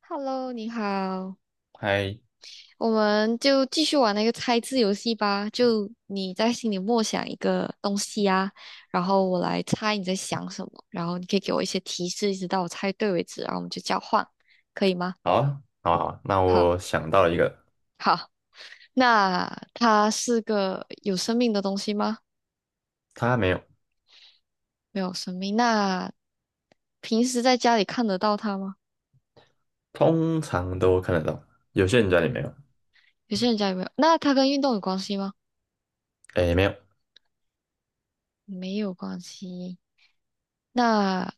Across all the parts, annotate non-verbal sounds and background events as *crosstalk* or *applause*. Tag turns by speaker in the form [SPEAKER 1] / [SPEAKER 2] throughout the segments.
[SPEAKER 1] Hello，你好，
[SPEAKER 2] 嗨。
[SPEAKER 1] 我们就继续玩那个猜字游戏吧。就你在心里默想一个东西啊，然后我来猜你在想什么，然后你可以给我一些提示，一直到我猜对为止，然后我们就交换，可以吗？
[SPEAKER 2] 好啊，好啊，好啊，那
[SPEAKER 1] 好，
[SPEAKER 2] 我想到了一个。
[SPEAKER 1] 好。那它是个有生命的东西吗？
[SPEAKER 2] 他没有。
[SPEAKER 1] 没有生命。那平时在家里看得到它吗？
[SPEAKER 2] 通常都看得到，有些人家里没有。
[SPEAKER 1] 有些人家里没有。那它跟运动有关系吗？
[SPEAKER 2] 诶，没有。
[SPEAKER 1] 没有关系。那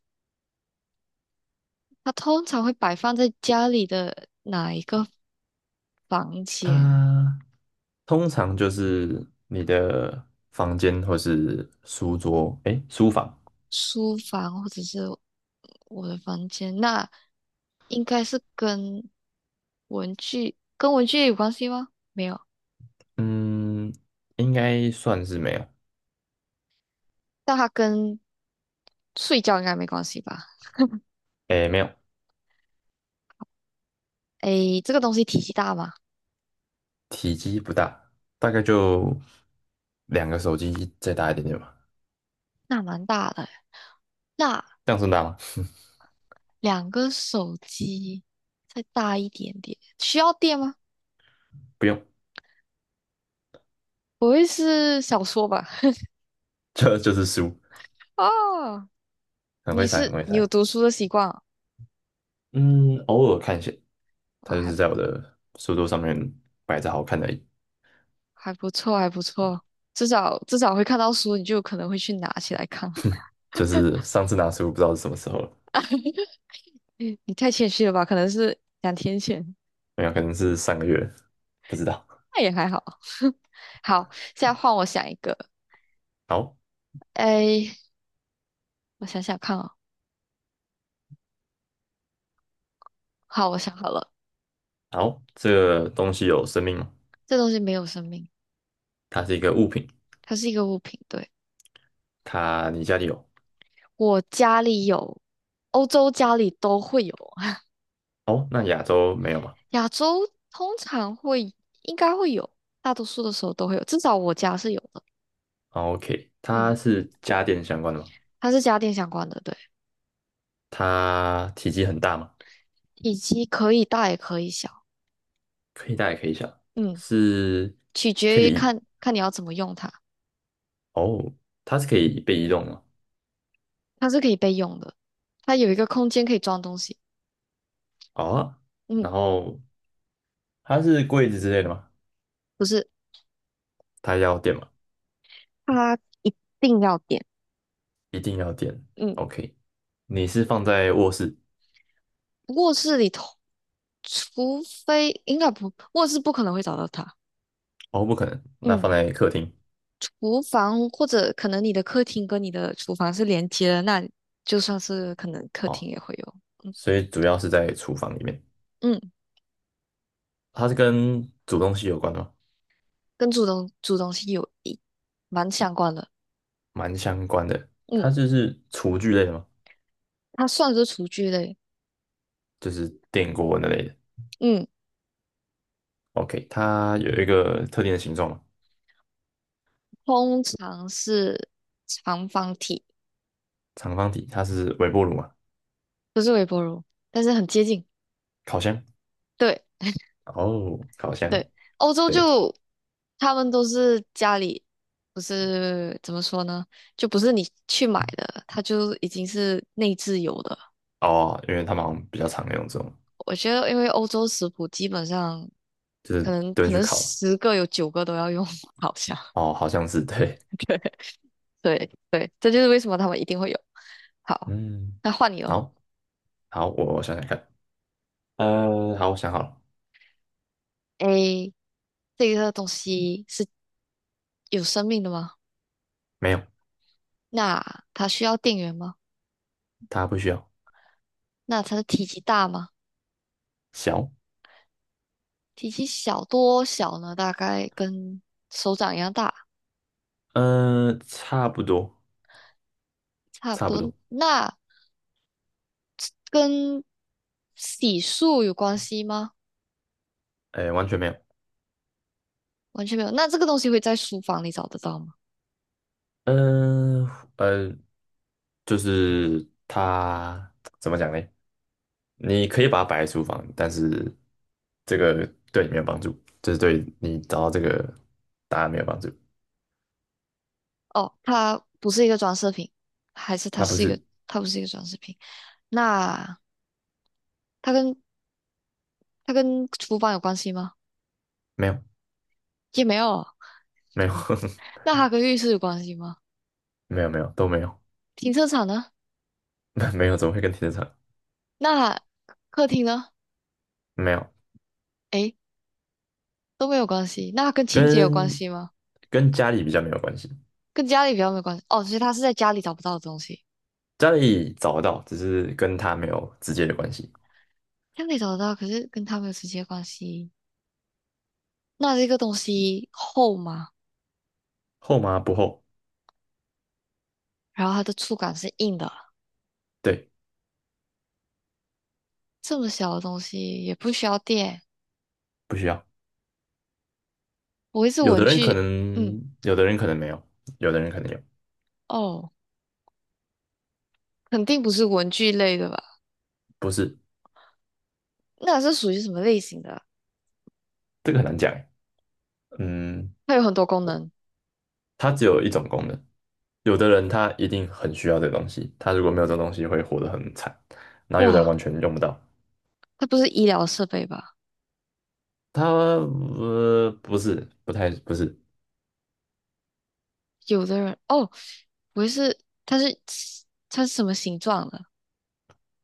[SPEAKER 1] 它通常会摆放在家里的哪一个房间？
[SPEAKER 2] 他通常就是你的房间或是书桌，诶，书房。
[SPEAKER 1] 书房或者是我的房间？那应该是跟文具有关系吗？没有，
[SPEAKER 2] 嗯，应该算是没有。
[SPEAKER 1] 但它跟睡觉应该没关系吧？
[SPEAKER 2] 诶，没有。
[SPEAKER 1] 诶，这个东西体积大吗？
[SPEAKER 2] 体积不大，大概就2个手机再大一点点吧。
[SPEAKER 1] 那蛮大的。那
[SPEAKER 2] 这样算大吗？*laughs*
[SPEAKER 1] 两个手机再大一点点，需要电吗？
[SPEAKER 2] 不用。
[SPEAKER 1] 不会是小说吧？
[SPEAKER 2] *laughs* 就是书。
[SPEAKER 1] *laughs* 啊。
[SPEAKER 2] 很会
[SPEAKER 1] 你
[SPEAKER 2] 猜，很
[SPEAKER 1] 是
[SPEAKER 2] 会
[SPEAKER 1] 你有
[SPEAKER 2] 猜。
[SPEAKER 1] 读书的习惯啊？
[SPEAKER 2] 嗯，偶尔看一下。它
[SPEAKER 1] 啊
[SPEAKER 2] 就
[SPEAKER 1] 还
[SPEAKER 2] 是在我的书桌上面摆着好看的而已。
[SPEAKER 1] 还不错，还不错，至少至少会看到书，你就有可能会去拿起来看。
[SPEAKER 2] 就是上次拿书不知道是什么时候了。
[SPEAKER 1] *laughs* 你你太谦虚了吧？可能是两天前，
[SPEAKER 2] 没有，可能是上个月，不知道。
[SPEAKER 1] 那也还好。*laughs* 好，现在换我想一个。
[SPEAKER 2] 好。
[SPEAKER 1] 哎，我想想看哦。好，我想好了，
[SPEAKER 2] 好，这个东西有生命吗？
[SPEAKER 1] 这东西没有生命，
[SPEAKER 2] 它是一个物品。
[SPEAKER 1] 它是一个物品。对，
[SPEAKER 2] 它你家里有？
[SPEAKER 1] 我家里有，欧洲家里都会有，
[SPEAKER 2] 哦，那亚洲没有吗？
[SPEAKER 1] *laughs* 亚洲通常会应该会有，大多数的时候都会有，至少我家是有的。
[SPEAKER 2] 哦？OK，它
[SPEAKER 1] 嗯。
[SPEAKER 2] 是家电相关的吗？
[SPEAKER 1] 它是家电相关的，对，
[SPEAKER 2] 它体积很大吗？
[SPEAKER 1] 体积可以大也可以小，
[SPEAKER 2] 可以大也可以小。
[SPEAKER 1] 嗯，
[SPEAKER 2] 是
[SPEAKER 1] 取
[SPEAKER 2] 可
[SPEAKER 1] 决于
[SPEAKER 2] 以移
[SPEAKER 1] 看看你要怎么用它。
[SPEAKER 2] 哦，它是可以被移动的吗？
[SPEAKER 1] 它是可以备用的，它有一个空间可以装东西。
[SPEAKER 2] 哦，然
[SPEAKER 1] 嗯，
[SPEAKER 2] 后它是柜子之类的吗？
[SPEAKER 1] 不是，
[SPEAKER 2] 它要电吗？
[SPEAKER 1] 它一定要点。
[SPEAKER 2] 一定要电。
[SPEAKER 1] 嗯，
[SPEAKER 2] OK，你是放在卧室？
[SPEAKER 1] 卧室里头，除非应该不，卧室不可能会找到它。
[SPEAKER 2] 哦，不可能，那放
[SPEAKER 1] 嗯，
[SPEAKER 2] 在客厅。
[SPEAKER 1] 厨房或者可能你的客厅跟你的厨房是连接的，那就算是可能客
[SPEAKER 2] 哦，
[SPEAKER 1] 厅也会有。嗯
[SPEAKER 2] 所以主要是在厨房里面。
[SPEAKER 1] 嗯，
[SPEAKER 2] 它是跟煮东西有关吗？
[SPEAKER 1] 跟主东主东西有蛮相关的。
[SPEAKER 2] 蛮相关的。
[SPEAKER 1] 嗯。
[SPEAKER 2] 它就是厨具类的吗？
[SPEAKER 1] 它算是厨具类，
[SPEAKER 2] 就是电锅那类的。
[SPEAKER 1] 嗯，
[SPEAKER 2] OK，它有一个特定的形状嘛？
[SPEAKER 1] 通常是长方体，
[SPEAKER 2] 长方体，它是微波炉嘛？
[SPEAKER 1] 不是微波炉，但是很接近。
[SPEAKER 2] 烤箱。
[SPEAKER 1] 对
[SPEAKER 2] 哦，烤箱。
[SPEAKER 1] 对，欧洲
[SPEAKER 2] 对。
[SPEAKER 1] 就他们都是家里，不是怎么说呢，就不是你去买的，它就已经是内置有的。
[SPEAKER 2] 哦，因为他们好像比较常用这种，
[SPEAKER 1] 我觉得，因为欧洲食谱基本上
[SPEAKER 2] 就
[SPEAKER 1] 可
[SPEAKER 2] 是
[SPEAKER 1] 能
[SPEAKER 2] 蹲
[SPEAKER 1] 可
[SPEAKER 2] 去
[SPEAKER 1] 能
[SPEAKER 2] 烤。
[SPEAKER 1] 十个有九个都要用 *laughs* 好像
[SPEAKER 2] 哦，好像是对。
[SPEAKER 1] 对对对，这就是为什么他们一定会有。好，
[SPEAKER 2] 嗯，
[SPEAKER 1] 那换你了。
[SPEAKER 2] 好。好，我想想看。好，我想好了。
[SPEAKER 1] a 这个东西是有生命的吗？
[SPEAKER 2] 没有，
[SPEAKER 1] 那它需要电源吗？
[SPEAKER 2] 他不需要。
[SPEAKER 1] 那它的体积大吗？
[SPEAKER 2] 小。
[SPEAKER 1] 体积小多小呢？大概跟手掌一样大，
[SPEAKER 2] 差不多。
[SPEAKER 1] 差不
[SPEAKER 2] 差不多。
[SPEAKER 1] 多。那跟洗漱有关系吗？
[SPEAKER 2] 哎，完全没有。
[SPEAKER 1] 完全没有。那这个东西会在书房里找得到吗？
[SPEAKER 2] 嗯、呃，就是他怎么讲呢？你可以把它摆在厨房，但是这个对你没有帮助，就是对你找到这个答案没有帮助。
[SPEAKER 1] 哦，它不是一个装饰品，还是它
[SPEAKER 2] 他不
[SPEAKER 1] 是一个，
[SPEAKER 2] 是。
[SPEAKER 1] 它不是一个装饰品。那它跟它跟厨房有关系吗？
[SPEAKER 2] 没有，
[SPEAKER 1] 也没有。
[SPEAKER 2] 没有。
[SPEAKER 1] *laughs* 那它跟浴室有关系吗？
[SPEAKER 2] *laughs* 没有，没有，都没有。
[SPEAKER 1] 停车场呢？
[SPEAKER 2] *laughs* 没有，怎么会跟停车场？
[SPEAKER 1] 那客厅呢？
[SPEAKER 2] 没有。
[SPEAKER 1] 诶，都没有关系。那跟清洁有关
[SPEAKER 2] 跟
[SPEAKER 1] 系吗？
[SPEAKER 2] 跟家里比较没有关系。
[SPEAKER 1] 跟家里比较没有关系。哦，所以他是在家里找不到的东西，
[SPEAKER 2] 家里找得到，只是跟他没有直接的关系。
[SPEAKER 1] 家里找得到，可是跟他没有直接关系。那这个东西厚吗？
[SPEAKER 2] 厚吗？不厚。
[SPEAKER 1] 然后它的触感是硬的，
[SPEAKER 2] 对。
[SPEAKER 1] 这么小的东西也不需要电。
[SPEAKER 2] 不需要。
[SPEAKER 1] 不会是
[SPEAKER 2] 有的
[SPEAKER 1] 文
[SPEAKER 2] 人可
[SPEAKER 1] 具？嗯，
[SPEAKER 2] 能，有的人可能没有。有的人可能有。
[SPEAKER 1] 哦，肯定不是文具类的吧？
[SPEAKER 2] 不是，
[SPEAKER 1] 那是属于什么类型的？
[SPEAKER 2] 这个很难讲欸。嗯，
[SPEAKER 1] 它有很多功
[SPEAKER 2] 我
[SPEAKER 1] 能。
[SPEAKER 2] 它只有一种功能。有的人他一定很需要这个东西，他如果没有这个东西会活得很惨。然后有的人完
[SPEAKER 1] 哇，
[SPEAKER 2] 全用不到。
[SPEAKER 1] 它不是医疗设备吧？
[SPEAKER 2] 它不是，不太不是
[SPEAKER 1] 有的人哦，不是它是它是什么形状的？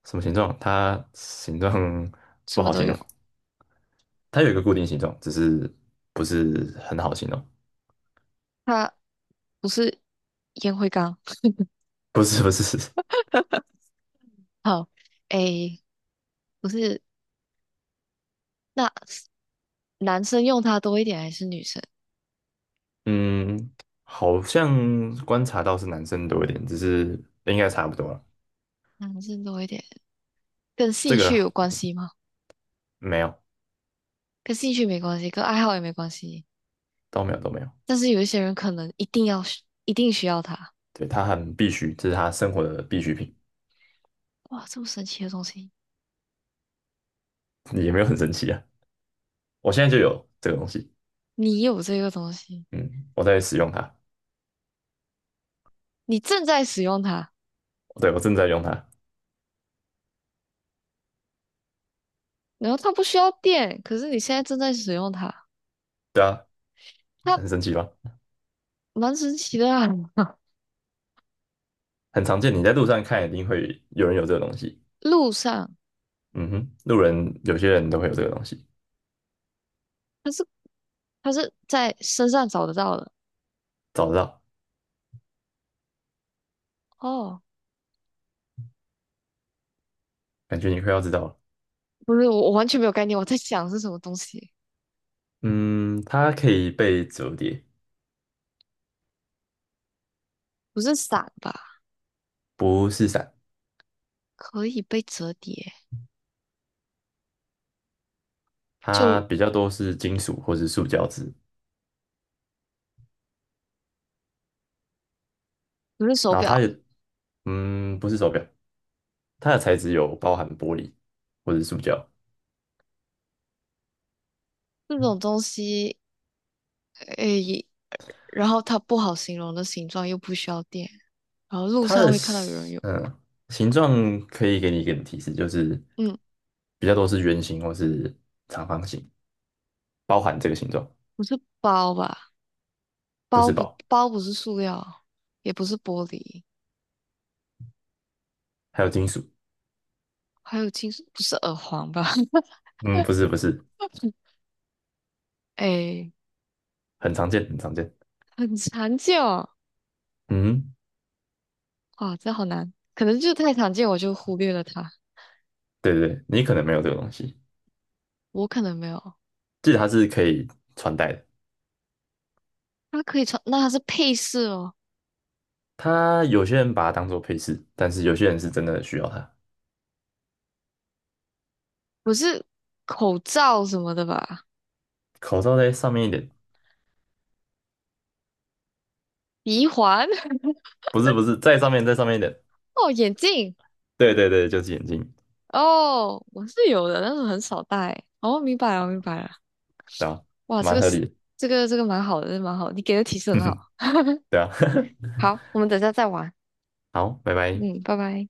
[SPEAKER 2] 什么形状。它形状不
[SPEAKER 1] 什么
[SPEAKER 2] 好
[SPEAKER 1] 都
[SPEAKER 2] 形容。
[SPEAKER 1] 有。
[SPEAKER 2] 它有一个固定形状，只是不是很好形容。
[SPEAKER 1] 它不是烟灰缸。
[SPEAKER 2] 不是不是。
[SPEAKER 1] 好，诶，不是，那男生用它多一点还是女生？
[SPEAKER 2] 嗯，好像观察到是男生多一点，只是应该差不多了。
[SPEAKER 1] 男生多一点，跟
[SPEAKER 2] 这
[SPEAKER 1] 兴
[SPEAKER 2] 个
[SPEAKER 1] 趣有关系吗？
[SPEAKER 2] 没有。
[SPEAKER 1] 跟兴趣没关系，跟爱好也没关系。
[SPEAKER 2] 都没有，都没有。
[SPEAKER 1] 但是有一些人可能一定需要它。
[SPEAKER 2] 对，它很必须，这是他生活的必需品。
[SPEAKER 1] 哇，这么神奇的东西！
[SPEAKER 2] 也没有很神奇啊。我现在就有这个东西。
[SPEAKER 1] 你有这个东西，
[SPEAKER 2] 嗯，我在使用它。
[SPEAKER 1] 你正在使用它，
[SPEAKER 2] 对，我正在用它。
[SPEAKER 1] 然后它不需要电，可是你现在正在使用它，
[SPEAKER 2] 对啊，
[SPEAKER 1] 它
[SPEAKER 2] 很神奇吧？
[SPEAKER 1] 蛮神奇的啊。*laughs*
[SPEAKER 2] 很常见，你在路上看一定会有人有这个东西。
[SPEAKER 1] 路上，
[SPEAKER 2] 嗯哼，路人有些人都会有这个东西。
[SPEAKER 1] 它是它是在身上找得到的
[SPEAKER 2] 找得到。
[SPEAKER 1] 哦。
[SPEAKER 2] 感觉你快要知道了。
[SPEAKER 1] 不是，我完全没有概念，我在想是什么东西，
[SPEAKER 2] 嗯，它可以被折叠。
[SPEAKER 1] 不是伞吧？
[SPEAKER 2] 不是伞。
[SPEAKER 1] 可以被折叠，
[SPEAKER 2] 它
[SPEAKER 1] 就
[SPEAKER 2] 比较多是金属或是塑胶制。
[SPEAKER 1] 不是手
[SPEAKER 2] 然后它也，
[SPEAKER 1] 表
[SPEAKER 2] 不是手表。它的材质有包含玻璃或是塑胶。
[SPEAKER 1] 这种东西，诶，然后它不好形容的形状又不需要电，然后路
[SPEAKER 2] 它
[SPEAKER 1] 上
[SPEAKER 2] 的
[SPEAKER 1] 会看到有人有，
[SPEAKER 2] 形状可以给你一点提示，就是
[SPEAKER 1] 嗯，
[SPEAKER 2] 比较多是圆形或是长方形，包含这个形状。
[SPEAKER 1] 不是包吧？
[SPEAKER 2] 不
[SPEAKER 1] 包
[SPEAKER 2] 是
[SPEAKER 1] 不
[SPEAKER 2] 宝。
[SPEAKER 1] 包不是塑料，也不是玻璃，
[SPEAKER 2] 还有金属。
[SPEAKER 1] 还有金属，不是耳环吧？
[SPEAKER 2] 嗯，不是不是。
[SPEAKER 1] *laughs* 诶，
[SPEAKER 2] 很常见很常见。
[SPEAKER 1] 很常见哦。
[SPEAKER 2] 嗯。
[SPEAKER 1] 哇，这好难，可能就太常见，我就忽略了它。
[SPEAKER 2] 对对对，你可能没有这个东西。
[SPEAKER 1] 我可能没有，
[SPEAKER 2] 记得它是可以穿戴的。
[SPEAKER 1] 它可以穿，那它是配饰哦，
[SPEAKER 2] 它有些人把它当做配饰，但是有些人是真的需要它。
[SPEAKER 1] 不是口罩什么的吧？
[SPEAKER 2] 口罩在上面一点。
[SPEAKER 1] 鼻环
[SPEAKER 2] 不是不是，在上面在上面一点。
[SPEAKER 1] *laughs* 哦，眼镜
[SPEAKER 2] 对对对，就是眼镜。
[SPEAKER 1] 哦，我是有的，但是很少戴。哦，明白了，明白了。
[SPEAKER 2] 对吧？
[SPEAKER 1] 哇，这
[SPEAKER 2] 蛮
[SPEAKER 1] 个
[SPEAKER 2] 合
[SPEAKER 1] 是
[SPEAKER 2] 理的。
[SPEAKER 1] 这个蛮好的，这个蛮好的你给的提示很好。
[SPEAKER 2] *laughs* 对啊。*laughs*
[SPEAKER 1] 好，我们等一下再玩。
[SPEAKER 2] 好，拜拜。
[SPEAKER 1] 嗯，拜拜。